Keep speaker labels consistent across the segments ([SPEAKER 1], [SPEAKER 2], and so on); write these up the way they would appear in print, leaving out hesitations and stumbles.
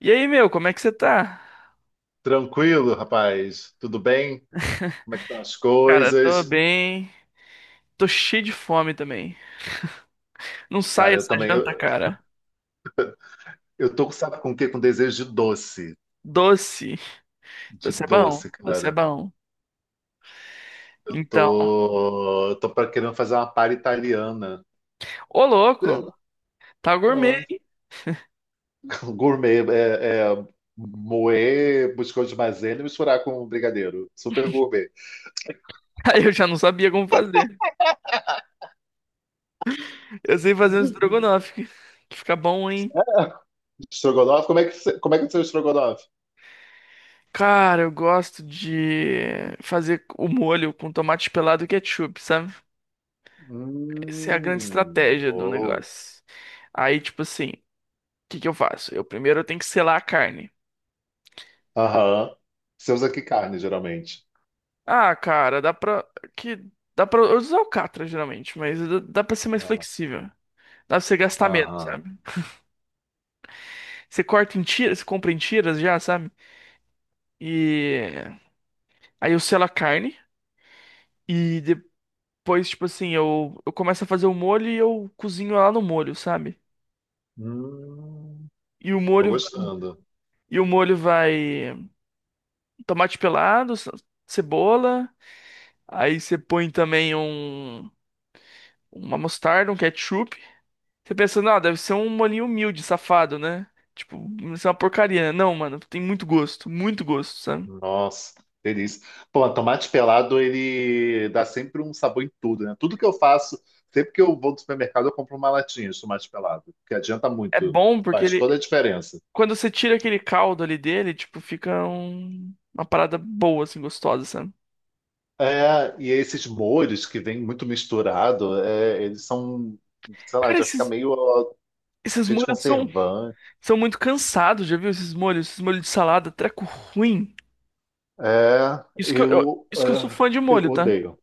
[SPEAKER 1] E aí, meu, como é que você tá?
[SPEAKER 2] Tranquilo, rapaz. Tudo bem? Como é que estão as
[SPEAKER 1] Cara, tô
[SPEAKER 2] coisas?
[SPEAKER 1] bem. Tô cheio de fome também. Não sai
[SPEAKER 2] Cara, eu
[SPEAKER 1] essa
[SPEAKER 2] também.
[SPEAKER 1] janta,
[SPEAKER 2] Eu,
[SPEAKER 1] cara.
[SPEAKER 2] eu tô, sabe com o quê? Com desejo de doce.
[SPEAKER 1] Doce.
[SPEAKER 2] De
[SPEAKER 1] Doce é bom.
[SPEAKER 2] doce,
[SPEAKER 1] Doce é
[SPEAKER 2] cara.
[SPEAKER 1] bom.
[SPEAKER 2] Eu
[SPEAKER 1] Então,
[SPEAKER 2] tô, eu tô querendo fazer uma palha italiana.
[SPEAKER 1] ô louco,
[SPEAKER 2] É,
[SPEAKER 1] tá gourmet.
[SPEAKER 2] é, gourmet. É, moer biscoito de maisena e misturar com brigadeiro. Super gourmet.
[SPEAKER 1] Aí eu já não sabia como fazer. Eu sei fazer um estrogonofe, que fica bom, hein?
[SPEAKER 2] Estrogonofe? Como é que é o seu estrogonofe?
[SPEAKER 1] Cara, eu gosto de fazer o molho com tomate pelado e ketchup, sabe? Essa é a grande estratégia do
[SPEAKER 2] Bom.
[SPEAKER 1] negócio. Aí, tipo assim, o que que eu faço? Eu primeiro eu tenho que selar a carne.
[SPEAKER 2] Aham. Você usa que carne, geralmente?
[SPEAKER 1] Ah, cara, dá pra. Que dá pra. Eu uso Alcatra geralmente, mas dá pra ser mais
[SPEAKER 2] Aham.
[SPEAKER 1] flexível. Dá pra você gastar menos,
[SPEAKER 2] Aham.
[SPEAKER 1] sabe? Você corta em tiras, você compra em tiras já, sabe? E aí eu selo a carne e depois, tipo assim, eu começo a fazer o molho e eu cozinho lá no molho, sabe?
[SPEAKER 2] Hum,
[SPEAKER 1] E o
[SPEAKER 2] tô
[SPEAKER 1] molho
[SPEAKER 2] gostando.
[SPEAKER 1] e o molho vai tomate pelado, cebola, aí você põe também uma mostarda, um ketchup. Você pensa, não, deve ser um molinho humilde, safado, né? Tipo, isso é uma porcaria. Não, mano, tem muito gosto, sabe?
[SPEAKER 2] Nossa, delícia. Pô, tomate pelado, ele dá sempre um sabor em tudo, né? Tudo que eu faço, sempre que eu vou do supermercado, eu compro uma latinha de tomate pelado, que adianta
[SPEAKER 1] É
[SPEAKER 2] muito,
[SPEAKER 1] bom porque
[SPEAKER 2] faz toda
[SPEAKER 1] ele,
[SPEAKER 2] a diferença.
[SPEAKER 1] quando você tira aquele caldo ali dele, tipo, fica uma parada boa, assim, gostosa, sabe?
[SPEAKER 2] É, e esses molhos que vêm muito misturado, é, eles são, sei lá,
[SPEAKER 1] Cara,
[SPEAKER 2] já fica
[SPEAKER 1] esses,
[SPEAKER 2] meio ó,
[SPEAKER 1] esses
[SPEAKER 2] cheio de
[SPEAKER 1] molhos são,
[SPEAKER 2] conservante.
[SPEAKER 1] são muito cansados, já viu esses molhos? Esses molhos de salada, treco ruim.
[SPEAKER 2] É,
[SPEAKER 1] Isso que eu, eu-
[SPEAKER 2] eu,
[SPEAKER 1] isso que eu sou fã
[SPEAKER 2] é,
[SPEAKER 1] de
[SPEAKER 2] eu
[SPEAKER 1] molho, tá?
[SPEAKER 2] odeio.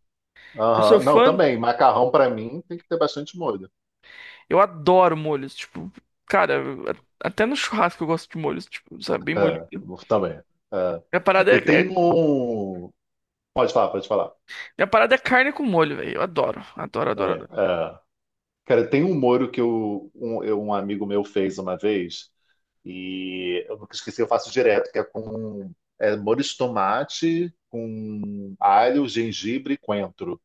[SPEAKER 1] Eu sou
[SPEAKER 2] Aham. Não,
[SPEAKER 1] fã,
[SPEAKER 2] também, macarrão para mim tem que ter bastante molho.
[SPEAKER 1] eu adoro molhos, tipo, cara, até no churrasco eu gosto de molhos, tipo, sabe, bem molho.
[SPEAKER 2] Ah, também. Ah,
[SPEAKER 1] A parada é,
[SPEAKER 2] eu tenho
[SPEAKER 1] é
[SPEAKER 2] um. Pode falar, pode falar.
[SPEAKER 1] Minha parada é carne com molho, velho. Eu adoro, adoro, adoro,
[SPEAKER 2] Também.
[SPEAKER 1] adoro.
[SPEAKER 2] Ah, cara, tem um molho que eu- um amigo meu fez uma vez e eu nunca esqueci, eu faço direto, que é com molho de tomate, com alho, gengibre e coentro.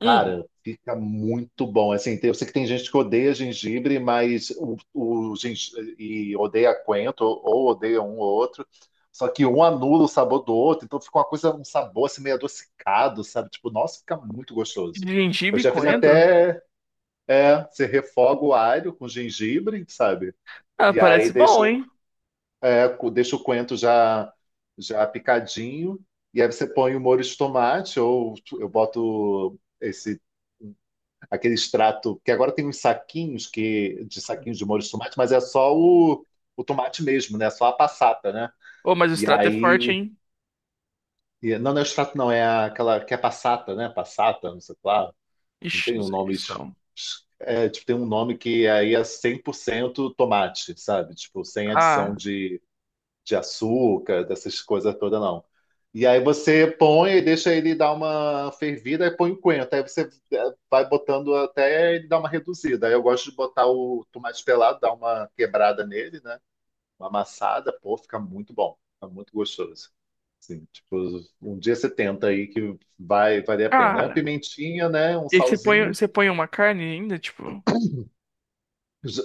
[SPEAKER 1] Hum,
[SPEAKER 2] fica muito bom. Assim, eu sei que tem gente que odeia gengibre, mas e odeia coentro, ou odeia um ou outro. Só que um anula o sabor do outro, então fica uma coisa, um sabor assim meio adocicado, sabe? Tipo, nossa, fica muito gostoso. Eu
[SPEAKER 1] Gengibre
[SPEAKER 2] já
[SPEAKER 1] com
[SPEAKER 2] fiz
[SPEAKER 1] coentro?
[SPEAKER 2] até, você refoga o alho com gengibre, sabe?
[SPEAKER 1] Ah,
[SPEAKER 2] E aí
[SPEAKER 1] parece
[SPEAKER 2] deixa,
[SPEAKER 1] bom, hein?
[SPEAKER 2] deixa o coentro já picadinho, e aí você põe o molho de tomate, ou eu boto esse aquele extrato que agora tem uns saquinhos que de saquinhos de molho de tomate, mas é só o tomate mesmo, né? Só a passata, né?
[SPEAKER 1] Ô, mas o
[SPEAKER 2] E
[SPEAKER 1] extrato é forte,
[SPEAKER 2] aí,
[SPEAKER 1] hein?
[SPEAKER 2] não, não é o extrato, não, aquela que é passata, né? Passata, não sei lá, não
[SPEAKER 1] Ixi,
[SPEAKER 2] tem
[SPEAKER 1] não
[SPEAKER 2] um
[SPEAKER 1] sei
[SPEAKER 2] nome,
[SPEAKER 1] disso, não.
[SPEAKER 2] tipo, tem um nome que aí é 100% tomate, sabe? Tipo, sem adição
[SPEAKER 1] Ah,
[SPEAKER 2] de açúcar, dessas coisas todas, não. E aí você põe e deixa ele dar uma fervida e põe o coentro. Aí você vai botando até ele dar uma reduzida. Aí eu gosto de botar o tomate pelado, dar uma quebrada nele, né? Uma amassada, pô, fica muito bom. Fica muito gostoso. Sim tipo, um dia você tenta aí que vai valer a pena. Aí a
[SPEAKER 1] cara.
[SPEAKER 2] pimentinha, né? Um
[SPEAKER 1] E aí você põe,
[SPEAKER 2] salzinho.
[SPEAKER 1] você põe uma carne ainda, tipo.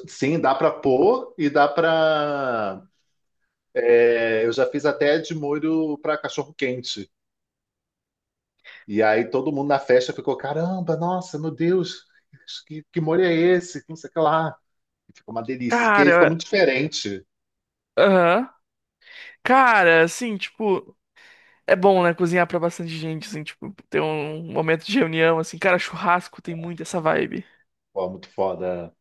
[SPEAKER 2] Sim, dá para pôr e dá para. Eu já fiz até de molho para cachorro quente. E aí todo mundo na festa ficou, caramba, nossa, meu Deus, que molho é esse? Que não sei o que lá. E ficou uma delícia, que aí fica
[SPEAKER 1] Cara,
[SPEAKER 2] muito diferente.
[SPEAKER 1] aham. Cara, assim, tipo. É bom, né? Cozinhar pra bastante gente, assim, tipo. Ter um momento de reunião, assim. Cara, churrasco tem muito essa vibe.
[SPEAKER 2] Pô, muito foda.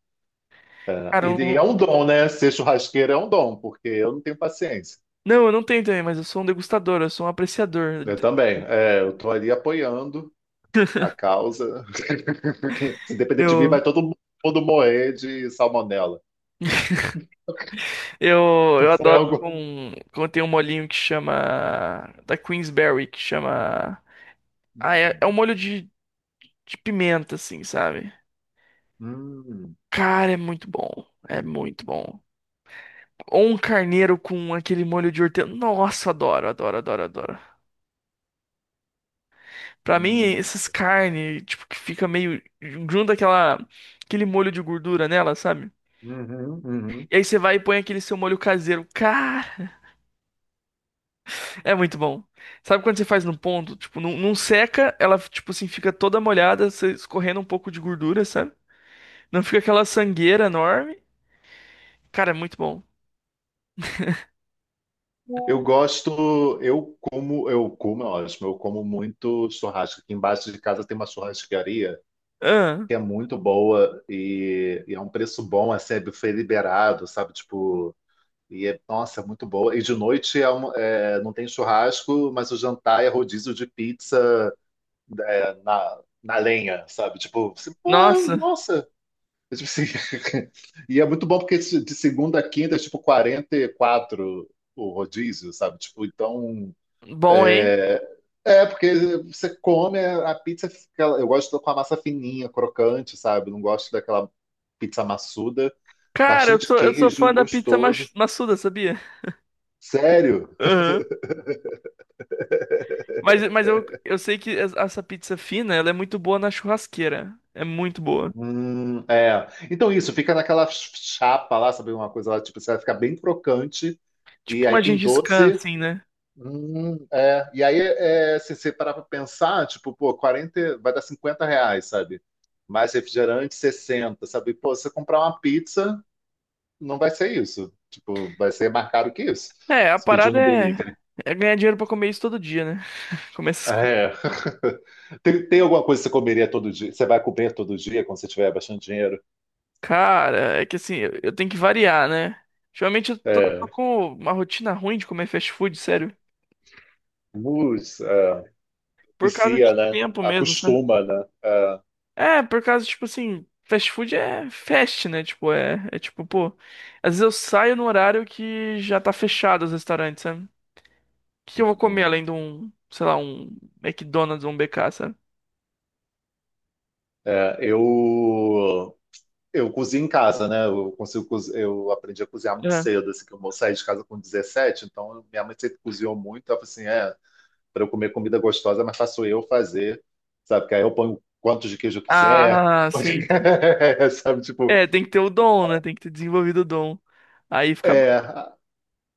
[SPEAKER 2] É,
[SPEAKER 1] Cara,
[SPEAKER 2] e é um
[SPEAKER 1] um-
[SPEAKER 2] dom, né? Ser churrasqueiro é um dom, porque eu não tenho paciência.
[SPEAKER 1] não, eu não tenho também, mas eu sou um degustador, eu sou um apreciador.
[SPEAKER 2] Eu também. É, eu tô ali apoiando a causa. Se depender de mim,
[SPEAKER 1] Eu...
[SPEAKER 2] vai todo mundo morrer de salmonela.
[SPEAKER 1] Eu,
[SPEAKER 2] O
[SPEAKER 1] eu adoro
[SPEAKER 2] frango.
[SPEAKER 1] com, quando tem um molhinho que chama. Da Queensberry, que chama. Ah, é um molho de pimenta, assim, sabe?
[SPEAKER 2] Hum,
[SPEAKER 1] Cara, é muito bom. É muito bom. Ou um carneiro com aquele molho de hortelã. Nossa, adoro, adoro, adoro, adoro. Pra mim,
[SPEAKER 2] hum,
[SPEAKER 1] essas carnes, tipo, que fica meio. Junta aquela, aquele molho de gordura nela, sabe?
[SPEAKER 2] uhum, uhum.
[SPEAKER 1] E aí você vai e põe aquele seu molho caseiro. Cara. É muito bom. Sabe quando você faz no ponto? Tipo, não, não seca, ela, tipo assim, fica toda molhada, você escorrendo um pouco de gordura, sabe? Não fica aquela sangueira enorme. Cara, é muito bom.
[SPEAKER 2] Eu gosto, eu como, é ótimo, eu como muito churrasco. Aqui embaixo de casa tem uma churrascaria
[SPEAKER 1] Ah,
[SPEAKER 2] que é muito boa e é um preço bom, assim, é buffet liberado, sabe? Tipo, e é, nossa, é muito boa. E de noite é é, não tem churrasco, mas o jantar é rodízio de pizza na lenha, sabe? Tipo, você, pô,
[SPEAKER 1] nossa,
[SPEAKER 2] nossa. É tipo assim, e é muito bom porque de segunda a quinta é tipo 44 o rodízio, sabe? Tipo, então.
[SPEAKER 1] bom, hein?
[SPEAKER 2] É, é, porque você come a pizza, eu gosto com a massa fininha, crocante, sabe? Não gosto daquela pizza maçuda,
[SPEAKER 1] Cara, eu
[SPEAKER 2] bastante
[SPEAKER 1] sou, eu sou
[SPEAKER 2] queijo,
[SPEAKER 1] fã da pizza
[SPEAKER 2] gostoso.
[SPEAKER 1] maçuda, sabia?
[SPEAKER 2] Sério?
[SPEAKER 1] Aham. Mas eu sei que essa pizza fina, ela é muito boa na churrasqueira. É muito boa.
[SPEAKER 2] É. Então isso, fica naquela chapa lá, sabe? Uma coisa lá, tipo, você vai ficar bem crocante, e
[SPEAKER 1] Tipo
[SPEAKER 2] aí
[SPEAKER 1] uma
[SPEAKER 2] tem
[SPEAKER 1] Gengis Khan,
[SPEAKER 2] doce.
[SPEAKER 1] assim, né?
[SPEAKER 2] É. E aí, se você parar pra pensar, tipo, pô, 40, vai dar 50 reais, sabe? Mais refrigerante, 60, sabe? Pô, você comprar uma pizza. Não vai ser isso. Tipo, vai ser mais caro que isso.
[SPEAKER 1] É, a
[SPEAKER 2] Se pedir
[SPEAKER 1] parada
[SPEAKER 2] no
[SPEAKER 1] é,
[SPEAKER 2] delivery.
[SPEAKER 1] é ganhar dinheiro pra comer isso todo dia, né? Comer essas.
[SPEAKER 2] É. Tem alguma coisa que você comeria todo dia? Você vai comer todo dia quando você tiver bastante dinheiro?
[SPEAKER 1] Cara, é que assim, eu tenho que variar, né? Geralmente eu tô
[SPEAKER 2] É.
[SPEAKER 1] com uma rotina ruim de comer fast food, sério.
[SPEAKER 2] É,
[SPEAKER 1] Por causa de
[SPEAKER 2] vicia, né?
[SPEAKER 1] tempo mesmo, sabe?
[SPEAKER 2] Acostuma, né? É,
[SPEAKER 1] É, por causa, tipo assim, fast food é fast, né? Tipo, é tipo, pô. Às vezes eu saio no horário que já tá fechado os restaurantes, sabe? O que que eu vou comer além de um, sei lá, um McDonald's ou um BK, sabe?
[SPEAKER 2] é, eu cozinho em casa, né? Eu consigo, eu aprendi a cozinhar muito
[SPEAKER 1] É.
[SPEAKER 2] cedo, assim, que saí de casa com 17, então minha mãe sempre cozinhou muito. Ela falou assim, para eu comer comida gostosa, mas faço eu fazer, sabe? Que aí eu ponho quantos de queijo eu quiser,
[SPEAKER 1] Ah, sim.
[SPEAKER 2] sabe? Tipo,
[SPEAKER 1] É, tem que ter o dom, né? Tem que ter desenvolvido o dom. Aí fica bom.
[SPEAKER 2] é.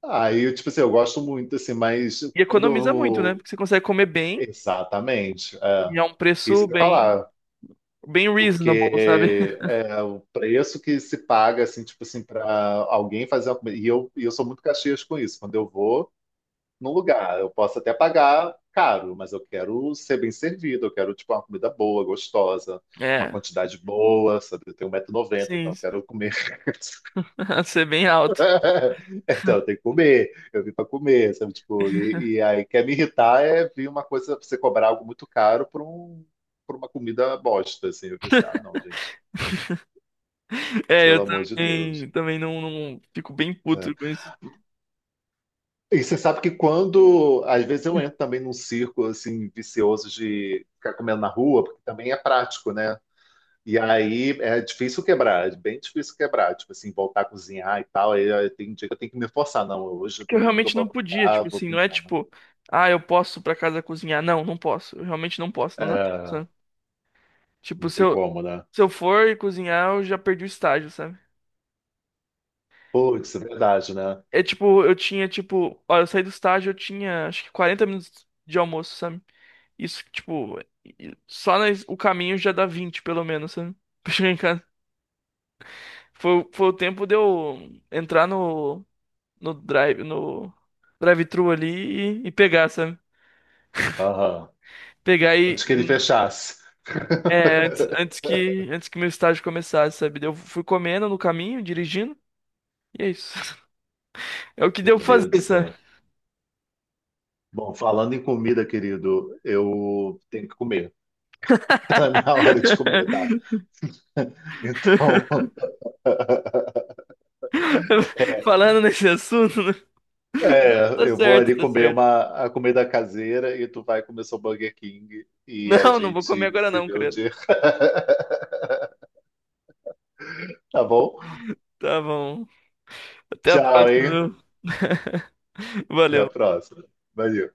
[SPEAKER 2] Aí, tipo assim, eu gosto muito, assim, mas
[SPEAKER 1] E
[SPEAKER 2] quando
[SPEAKER 1] economiza muito, né?
[SPEAKER 2] eu.
[SPEAKER 1] Porque você consegue comer bem.
[SPEAKER 2] Exatamente. É.
[SPEAKER 1] E é um
[SPEAKER 2] Isso
[SPEAKER 1] preço
[SPEAKER 2] que eu ia
[SPEAKER 1] bem,
[SPEAKER 2] falar,
[SPEAKER 1] bem reasonable, sabe?
[SPEAKER 2] porque o preço que se paga, assim, tipo assim, para alguém fazer uma comida. E eu sou muito caxias com isso. Quando eu vou, num lugar. Eu posso até pagar caro, mas eu quero ser bem servido, eu quero tipo uma comida boa, gostosa, uma
[SPEAKER 1] É,
[SPEAKER 2] quantidade boa, sabe? Eu tenho um 190 noventa
[SPEAKER 1] sim,
[SPEAKER 2] então eu quero comer.
[SPEAKER 1] ser bem alto.
[SPEAKER 2] Então eu tenho que comer, eu vim para comer, sabe? Tipo, e aí quer me irritar é vir uma coisa, você cobrar algo muito caro por uma comida bosta, assim. Eu pensei, ah, não, gente,
[SPEAKER 1] É, eu
[SPEAKER 2] pelo amor de Deus.
[SPEAKER 1] também, também não, não fico bem
[SPEAKER 2] É.
[SPEAKER 1] puto com isso.
[SPEAKER 2] E você sabe que quando, às vezes eu entro também num círculo assim vicioso de ficar comendo na rua, porque também é prático, né? E aí é difícil quebrar, é bem difícil quebrar, tipo assim, voltar a cozinhar e tal. Aí tem dia que eu tenho que me forçar, não, hoje
[SPEAKER 1] É
[SPEAKER 2] é
[SPEAKER 1] que eu
[SPEAKER 2] domingo eu
[SPEAKER 1] realmente
[SPEAKER 2] vou
[SPEAKER 1] não podia, tipo
[SPEAKER 2] acordar, vou
[SPEAKER 1] assim, não é
[SPEAKER 2] pintar, né?
[SPEAKER 1] tipo, ah, eu posso pra casa cozinhar. Não, não posso. Eu realmente não posso, não dá tempo, sabe?
[SPEAKER 2] É,
[SPEAKER 1] Tipo,
[SPEAKER 2] não
[SPEAKER 1] se
[SPEAKER 2] tem
[SPEAKER 1] eu,
[SPEAKER 2] como, né?
[SPEAKER 1] se eu for cozinhar, eu já perdi o estágio, sabe?
[SPEAKER 2] Putz, é verdade, né?
[SPEAKER 1] É tipo, eu tinha, tipo, olha, eu saí do estágio, eu tinha acho que 40 minutos de almoço, sabe? Isso, tipo, o caminho já dá 20 pelo menos, sabe? Pra chegar em casa. Foi o tempo de eu entrar no, drive, no drive-thru ali e pegar, sabe?
[SPEAKER 2] Aham.
[SPEAKER 1] Pegar
[SPEAKER 2] Antes que ele fechasse.
[SPEAKER 1] é, antes que meu estágio começasse, sabe? Eu fui comendo no caminho, dirigindo, e é isso. É o que deu
[SPEAKER 2] Meu
[SPEAKER 1] pra
[SPEAKER 2] Deus do
[SPEAKER 1] fazer, sabe?
[SPEAKER 2] céu. Bom, falando em comida, querido, eu tenho que comer. Tá na minha hora de comer, tá? Então,
[SPEAKER 1] Falando nesse assunto, né? Não, tá
[SPEAKER 2] É, eu vou
[SPEAKER 1] certo,
[SPEAKER 2] ali
[SPEAKER 1] tá
[SPEAKER 2] comer
[SPEAKER 1] certo.
[SPEAKER 2] a comida caseira e tu vai comer seu Burger King e a
[SPEAKER 1] Não, não vou
[SPEAKER 2] gente
[SPEAKER 1] comer agora
[SPEAKER 2] se
[SPEAKER 1] não,
[SPEAKER 2] vê um
[SPEAKER 1] credo.
[SPEAKER 2] dia, tá bom?
[SPEAKER 1] Tá bom. Até a
[SPEAKER 2] Tchau,
[SPEAKER 1] próxima,
[SPEAKER 2] hein?
[SPEAKER 1] viu?
[SPEAKER 2] Até a
[SPEAKER 1] Valeu.
[SPEAKER 2] próxima. Valeu.